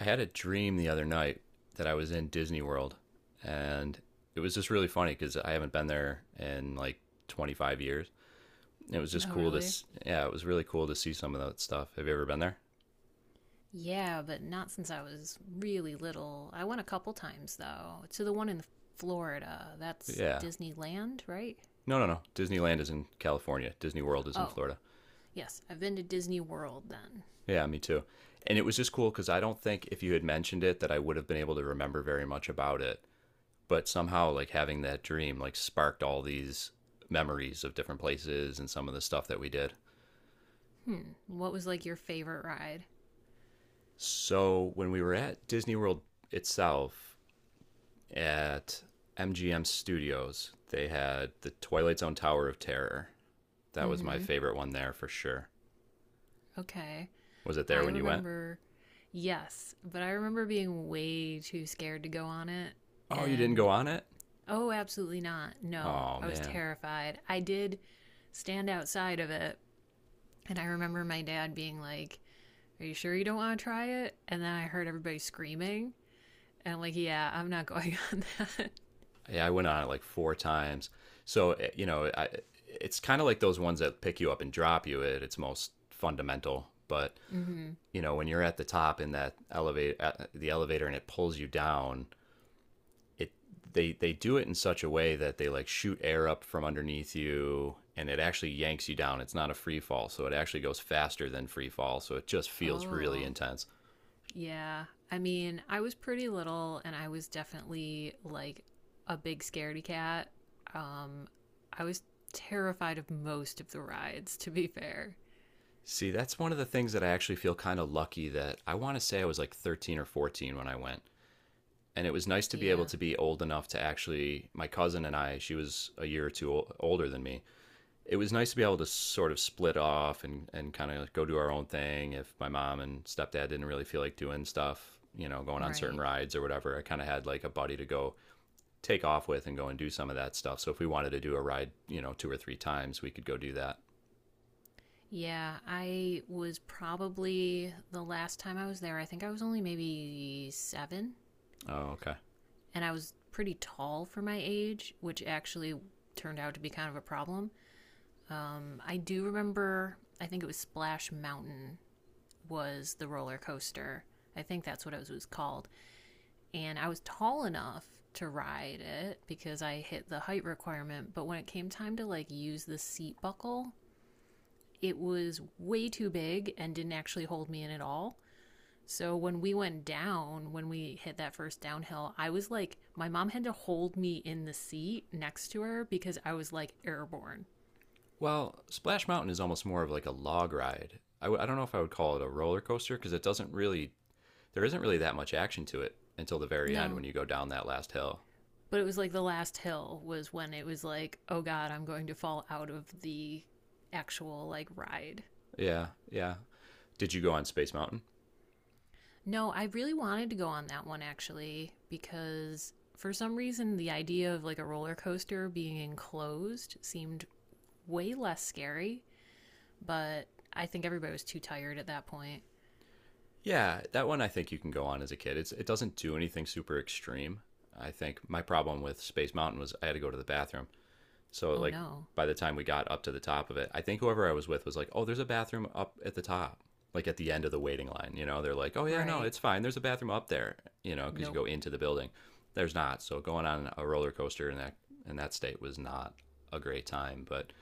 I had a dream the other night that I was in Disney World, and it was just really funny because I haven't been there in like 25 years. It was just Oh, cool really? yeah, it was really cool to see some of that stuff. Have you ever been there? Yeah, but not since I was really little. I went a couple times, though, to the one in Florida. That's Yeah. Disneyland, right? No, no, no. Disneyland is in California. Disney World is in Oh, Florida. yes, I've been to Disney World then. Yeah, me too. And it was just cool because I don't think if you had mentioned it that I would have been able to remember very much about it. But somehow, like having that dream, like sparked all these memories of different places and some of the stuff that we did. Hmm, what was like your favorite ride? So when we were at Disney World itself at MGM Studios, they had the Twilight Zone Tower of Terror. That Mm was my hmm, favorite one there for sure. okay. Was it there I when you went? remember, yes, but I remember being way too scared to go on it. Oh, you didn't go And on it? oh, absolutely not. No, Oh I was man. terrified. I did stand outside of it, and I remember my dad being like, are you sure you don't want to try it? And then I heard everybody screaming. And I'm like, yeah, I'm not going on that. Yeah, I went on it like four times. So, eh, it's kind of like those ones that pick you up and drop you at its most fundamental, but Hmm. you know, when you're at the top in that elevator, the elevator and it pulls you down, it they do it in such a way that they like shoot air up from underneath you, and it actually yanks you down. It's not a free fall, so it actually goes faster than free fall, so it just feels really Oh, intense. yeah. I mean, I was pretty little and I was definitely like a big scaredy cat. Um, I was terrified of most of the rides, to be fair. See, that's one of the things that I actually feel kind of lucky that I want to say I was like 13 or 14 when I went. And it was nice to be able Yeah, to be old enough to actually, my cousin and I, she was a year or two older than me. It was nice to be able to sort of split off and kind of go do our own thing. If my mom and stepdad didn't really feel like doing stuff, you know, going on certain right. rides or whatever, I kind of had like a buddy to go take off with and go and do some of that stuff. So if we wanted to do a ride, you know, two or three times, we could go do that. Yeah, I was probably the last time I was there, I think I was only maybe seven, Oh, okay. and I was pretty tall for my age, which actually turned out to be kind of a problem. I do remember, I think it was Splash Mountain was the roller coaster. I think that's what it was called. And I was tall enough to ride it because I hit the height requirement. But when it came time to like use the seat buckle, it was way too big and didn't actually hold me in at all. So when we went down, when we hit that first downhill, I was like, my mom had to hold me in the seat next to her because I was like airborne. Well, Splash Mountain is almost more of like a log ride. I don't know if I would call it a roller coaster because it doesn't really, there isn't really that much action to it until the very end No. when you go down that last hill. But it was like the last hill was when it was like, oh God, I'm going to fall out of the actual like ride. Yeah, yeah. Did you go on Space Mountain? No, I really wanted to go on that one actually because for some reason the idea of like a roller coaster being enclosed seemed way less scary, but I think everybody was too tired at that point. Yeah, that one I think you can go on as a kid. It doesn't do anything super extreme. I think my problem with Space Mountain was I had to go to the bathroom. So Oh like no. by the time we got up to the top of it, I think whoever I was with was like, "Oh, there's a bathroom up at the top." Like at the end of the waiting line, you know, they're like, "Oh yeah, no, Right. it's fine. There's a bathroom up there," you know, because you Nope. go into the building. There's not. So going on a roller coaster in that state was not a great time. But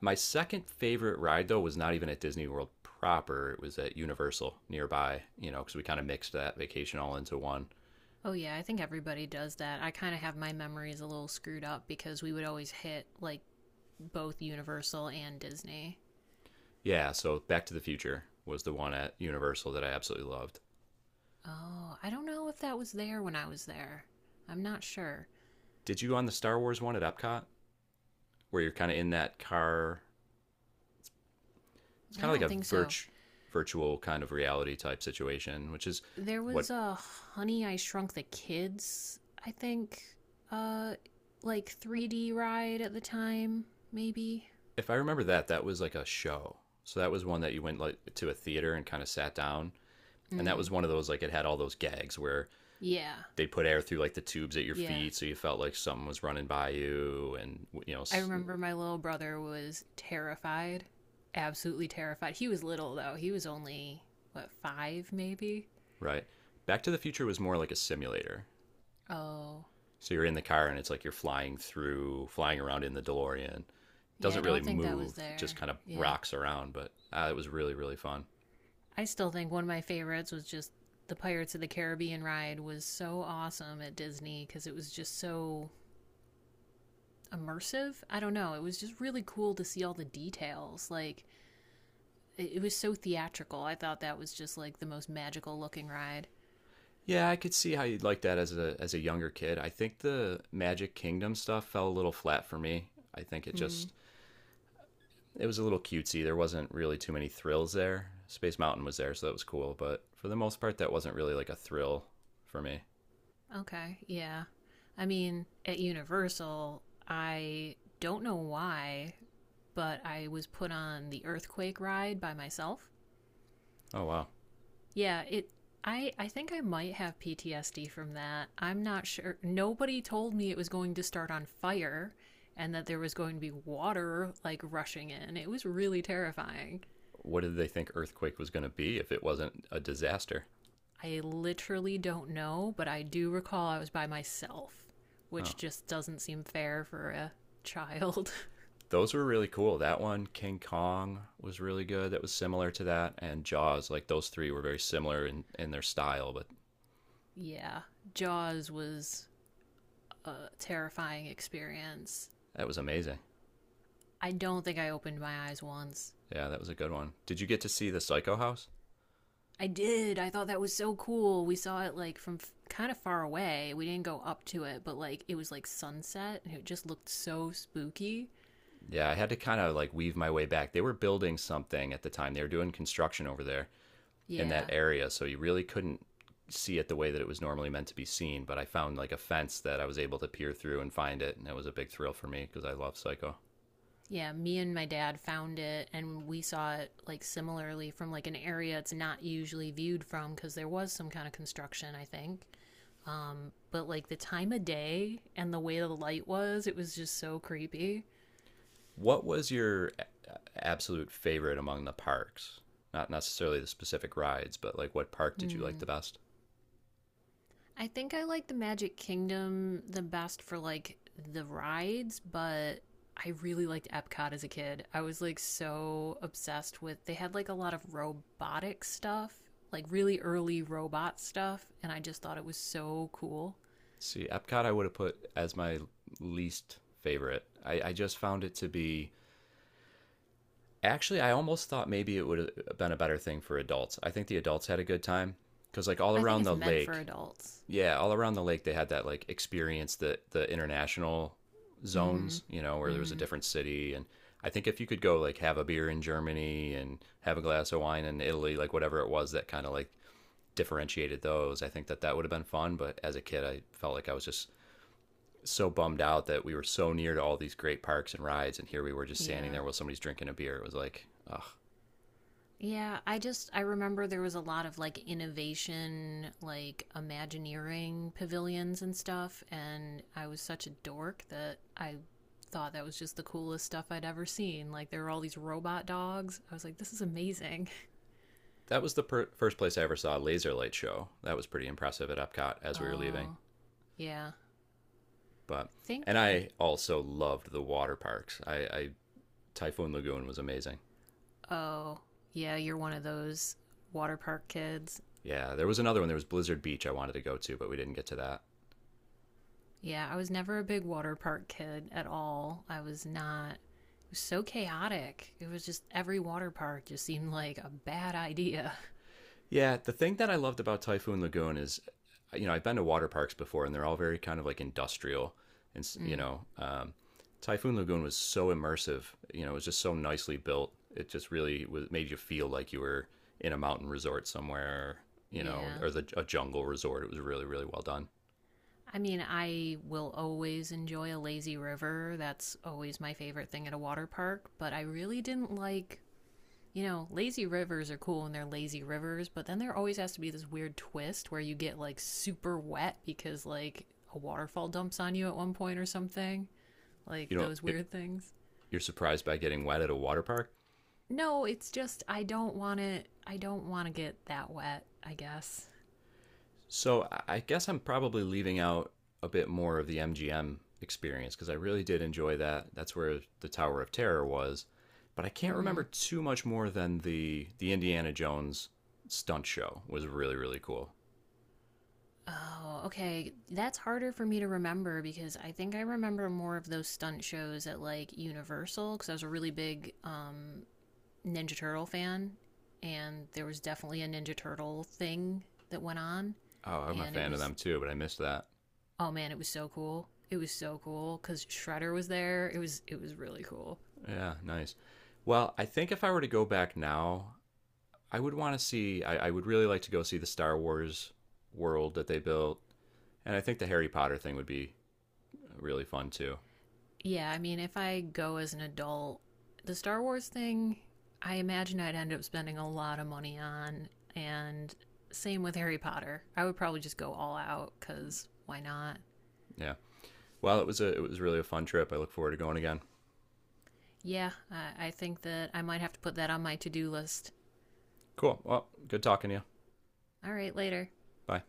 my second favorite ride though was not even at Disney World proper. It was at Universal nearby, you know, because we kind of mixed that vacation all into one. Oh, yeah, I think everybody does that. I kind of have my memories a little screwed up because we would always hit, like, both Universal and Disney. Yeah, so Back to the Future was the one at Universal that I absolutely loved. Oh, I don't know if that was there when I was there. I'm not sure. Did you on the Star Wars one at Epcot, where you're kind of in that car? It's I kind of don't like a think so. virt- virtual kind of reality type situation, which is There what. was a Honey I Shrunk the Kids, I think, uh, like 3D ride at the time, maybe. If I remember that, that was like a show. So that was one that you went like to a theater and kind of sat down, and that was Mm. one of those like it had all those gags where Yeah. they put air through like the tubes at your Yeah. feet so you felt like something was running by you, and you know, I remember my little brother was terrified, absolutely terrified. He was little though. He was only what, five maybe. right. Back to the Future was more like a simulator, Oh so you're in the car, and it's like you're flying around in the DeLorean. It yeah, I doesn't really don't think that was move, it just there. kind of Yeah, rocks around, but it was really, really fun. I still think one of my favorites was just the Pirates of the Caribbean ride was so awesome at Disney because it was just so immersive. I don't know. It was just really cool to see all the details. Like it, was so theatrical. I thought that was just like the most magical looking ride. Yeah, I could see how you'd like that as a younger kid. I think the Magic Kingdom stuff fell a little flat for me. I think it Mm. just It was a little cutesy. There wasn't really too many thrills there. Space Mountain was there, so that was cool, but for the most part, that wasn't really like a thrill for me. Okay. Yeah. I mean, at Universal, I don't know why, but I was put on the earthquake ride by myself. Oh wow, Yeah, it I think I might have PTSD from that. I'm not sure. Nobody told me it was going to start on fire and that there was going to be water like rushing in. It was really terrifying. what did they think Earthquake was going to be if it wasn't a disaster? I literally don't know, but I do recall I was by myself, Oh, which just doesn't seem fair for a child. those were really cool. That one, King Kong, was really good. That was similar to that, and Jaws. Like those three were very similar in their style, but Yeah, Jaws was a terrifying experience. that was amazing. I don't think I opened my eyes once. Yeah, that was a good one. Did you get to see the Psycho House? I did. I thought that was so cool. We saw it like from kind of far away. We didn't go up to it, but like it was like sunset and it just looked so spooky. Yeah, I had to kind of like weave my way back. They were building something at the time. They were doing construction over there, in that Yeah. area, so you really couldn't see it the way that it was normally meant to be seen. But I found like a fence that I was able to peer through and find it, and it was a big thrill for me because I love Psycho. Yeah, me and my dad found it and we saw it like similarly from like an area it's not usually viewed from cuz there was some kind of construction, I think. But like the time of day and the way the light was, it was just so creepy. What was your absolute favorite among the parks? Not necessarily the specific rides, but like what park did you like Hmm. the best? I think I like the Magic Kingdom the best for like the rides, but I really liked Epcot as a kid. I was like so obsessed with they had like a lot of robotic stuff, like really early robot stuff, and I just thought it was so cool. See, Epcot I would have put as my least favorite. I just found it to be, actually I almost thought maybe it would have been a better thing for adults. I think the adults had a good time because like all I think around it's the meant for lake, adults. yeah, all around the lake they had that like experience, the international Mm-hmm. zones, you know, where there was a Mm-hmm. different city. And I think if you could go like have a beer in Germany and have a glass of wine in Italy, like whatever it was that kind of like differentiated those, I think that that would have been fun, but as a kid I felt like I was just so bummed out that we were so near to all these great parks and rides and here we were just standing Yeah. there while somebody's drinking a beer. It was like, ugh. Yeah, I just I remember there was a lot of like innovation, like Imagineering pavilions and stuff, and I was such a dork that I thought that was just the coolest stuff I'd ever seen. Like there were all these robot dogs. I was like, this is amazing. That was the first place I ever saw a laser light show. That was pretty impressive at Epcot as we were leaving. Oh, yeah. But I and think I also loved the water parks. I Typhoon Lagoon was amazing. oh, yeah, you're one of those water park kids. Yeah, there was another one. There was Blizzard Beach I wanted to go to, but we didn't get to that. Yeah, I was never a big water park kid at all. I was not. It was so chaotic. It was just every water park just seemed like a bad idea. Yeah, the thing that I loved about Typhoon Lagoon is, you know, I've been to water parks before, and they're all very kind of like industrial, and Mm, Typhoon Lagoon was so immersive. You know, it was just so nicely built. It just really was, made you feel like you were in a mountain resort somewhere, you know, yeah. or a jungle resort. It was really, really well done. I mean, I will always enjoy a lazy river. That's always my favorite thing at a water park, but I really didn't like. You know, lazy rivers are cool when they're lazy rivers, but then there always has to be this weird twist where you get like super wet because like a waterfall dumps on you at one point or something. Like You know, those weird things. you're surprised by getting wet at a water park. No, it's just I don't want to. I don't want to get that wet. I guess. So I guess I'm probably leaving out a bit more of the MGM experience because I really did enjoy that. That's where the Tower of Terror was, but I can't Mm-hmm. remember too much more than the Indiana Jones stunt show was really, really cool. Oh, okay. That's harder for me to remember because I think I remember more of those stunt shows at like Universal because I was a really big Ninja Turtle fan, and there was definitely a Ninja Turtle thing that went on, Oh, I'm a and it fan of was them too, but I missed that. oh man, it was so cool. It was so cool because Shredder was there. It was really cool. Yeah, nice. Well, I think if I were to go back now, I would want to see. I would really like to go see the Star Wars world that they built, and I think the Harry Potter thing would be really fun too. Yeah, I mean, if I go as an adult, the Star Wars thing, I imagine I'd end up spending a lot of money on. And same with Harry Potter. I would probably just go all out because why not? Yeah. Well, it was really a fun trip. I look forward to going again. Yeah, I think that I might have to put that on my to do list. Cool. Well, good talking to you. All right, later. Bye.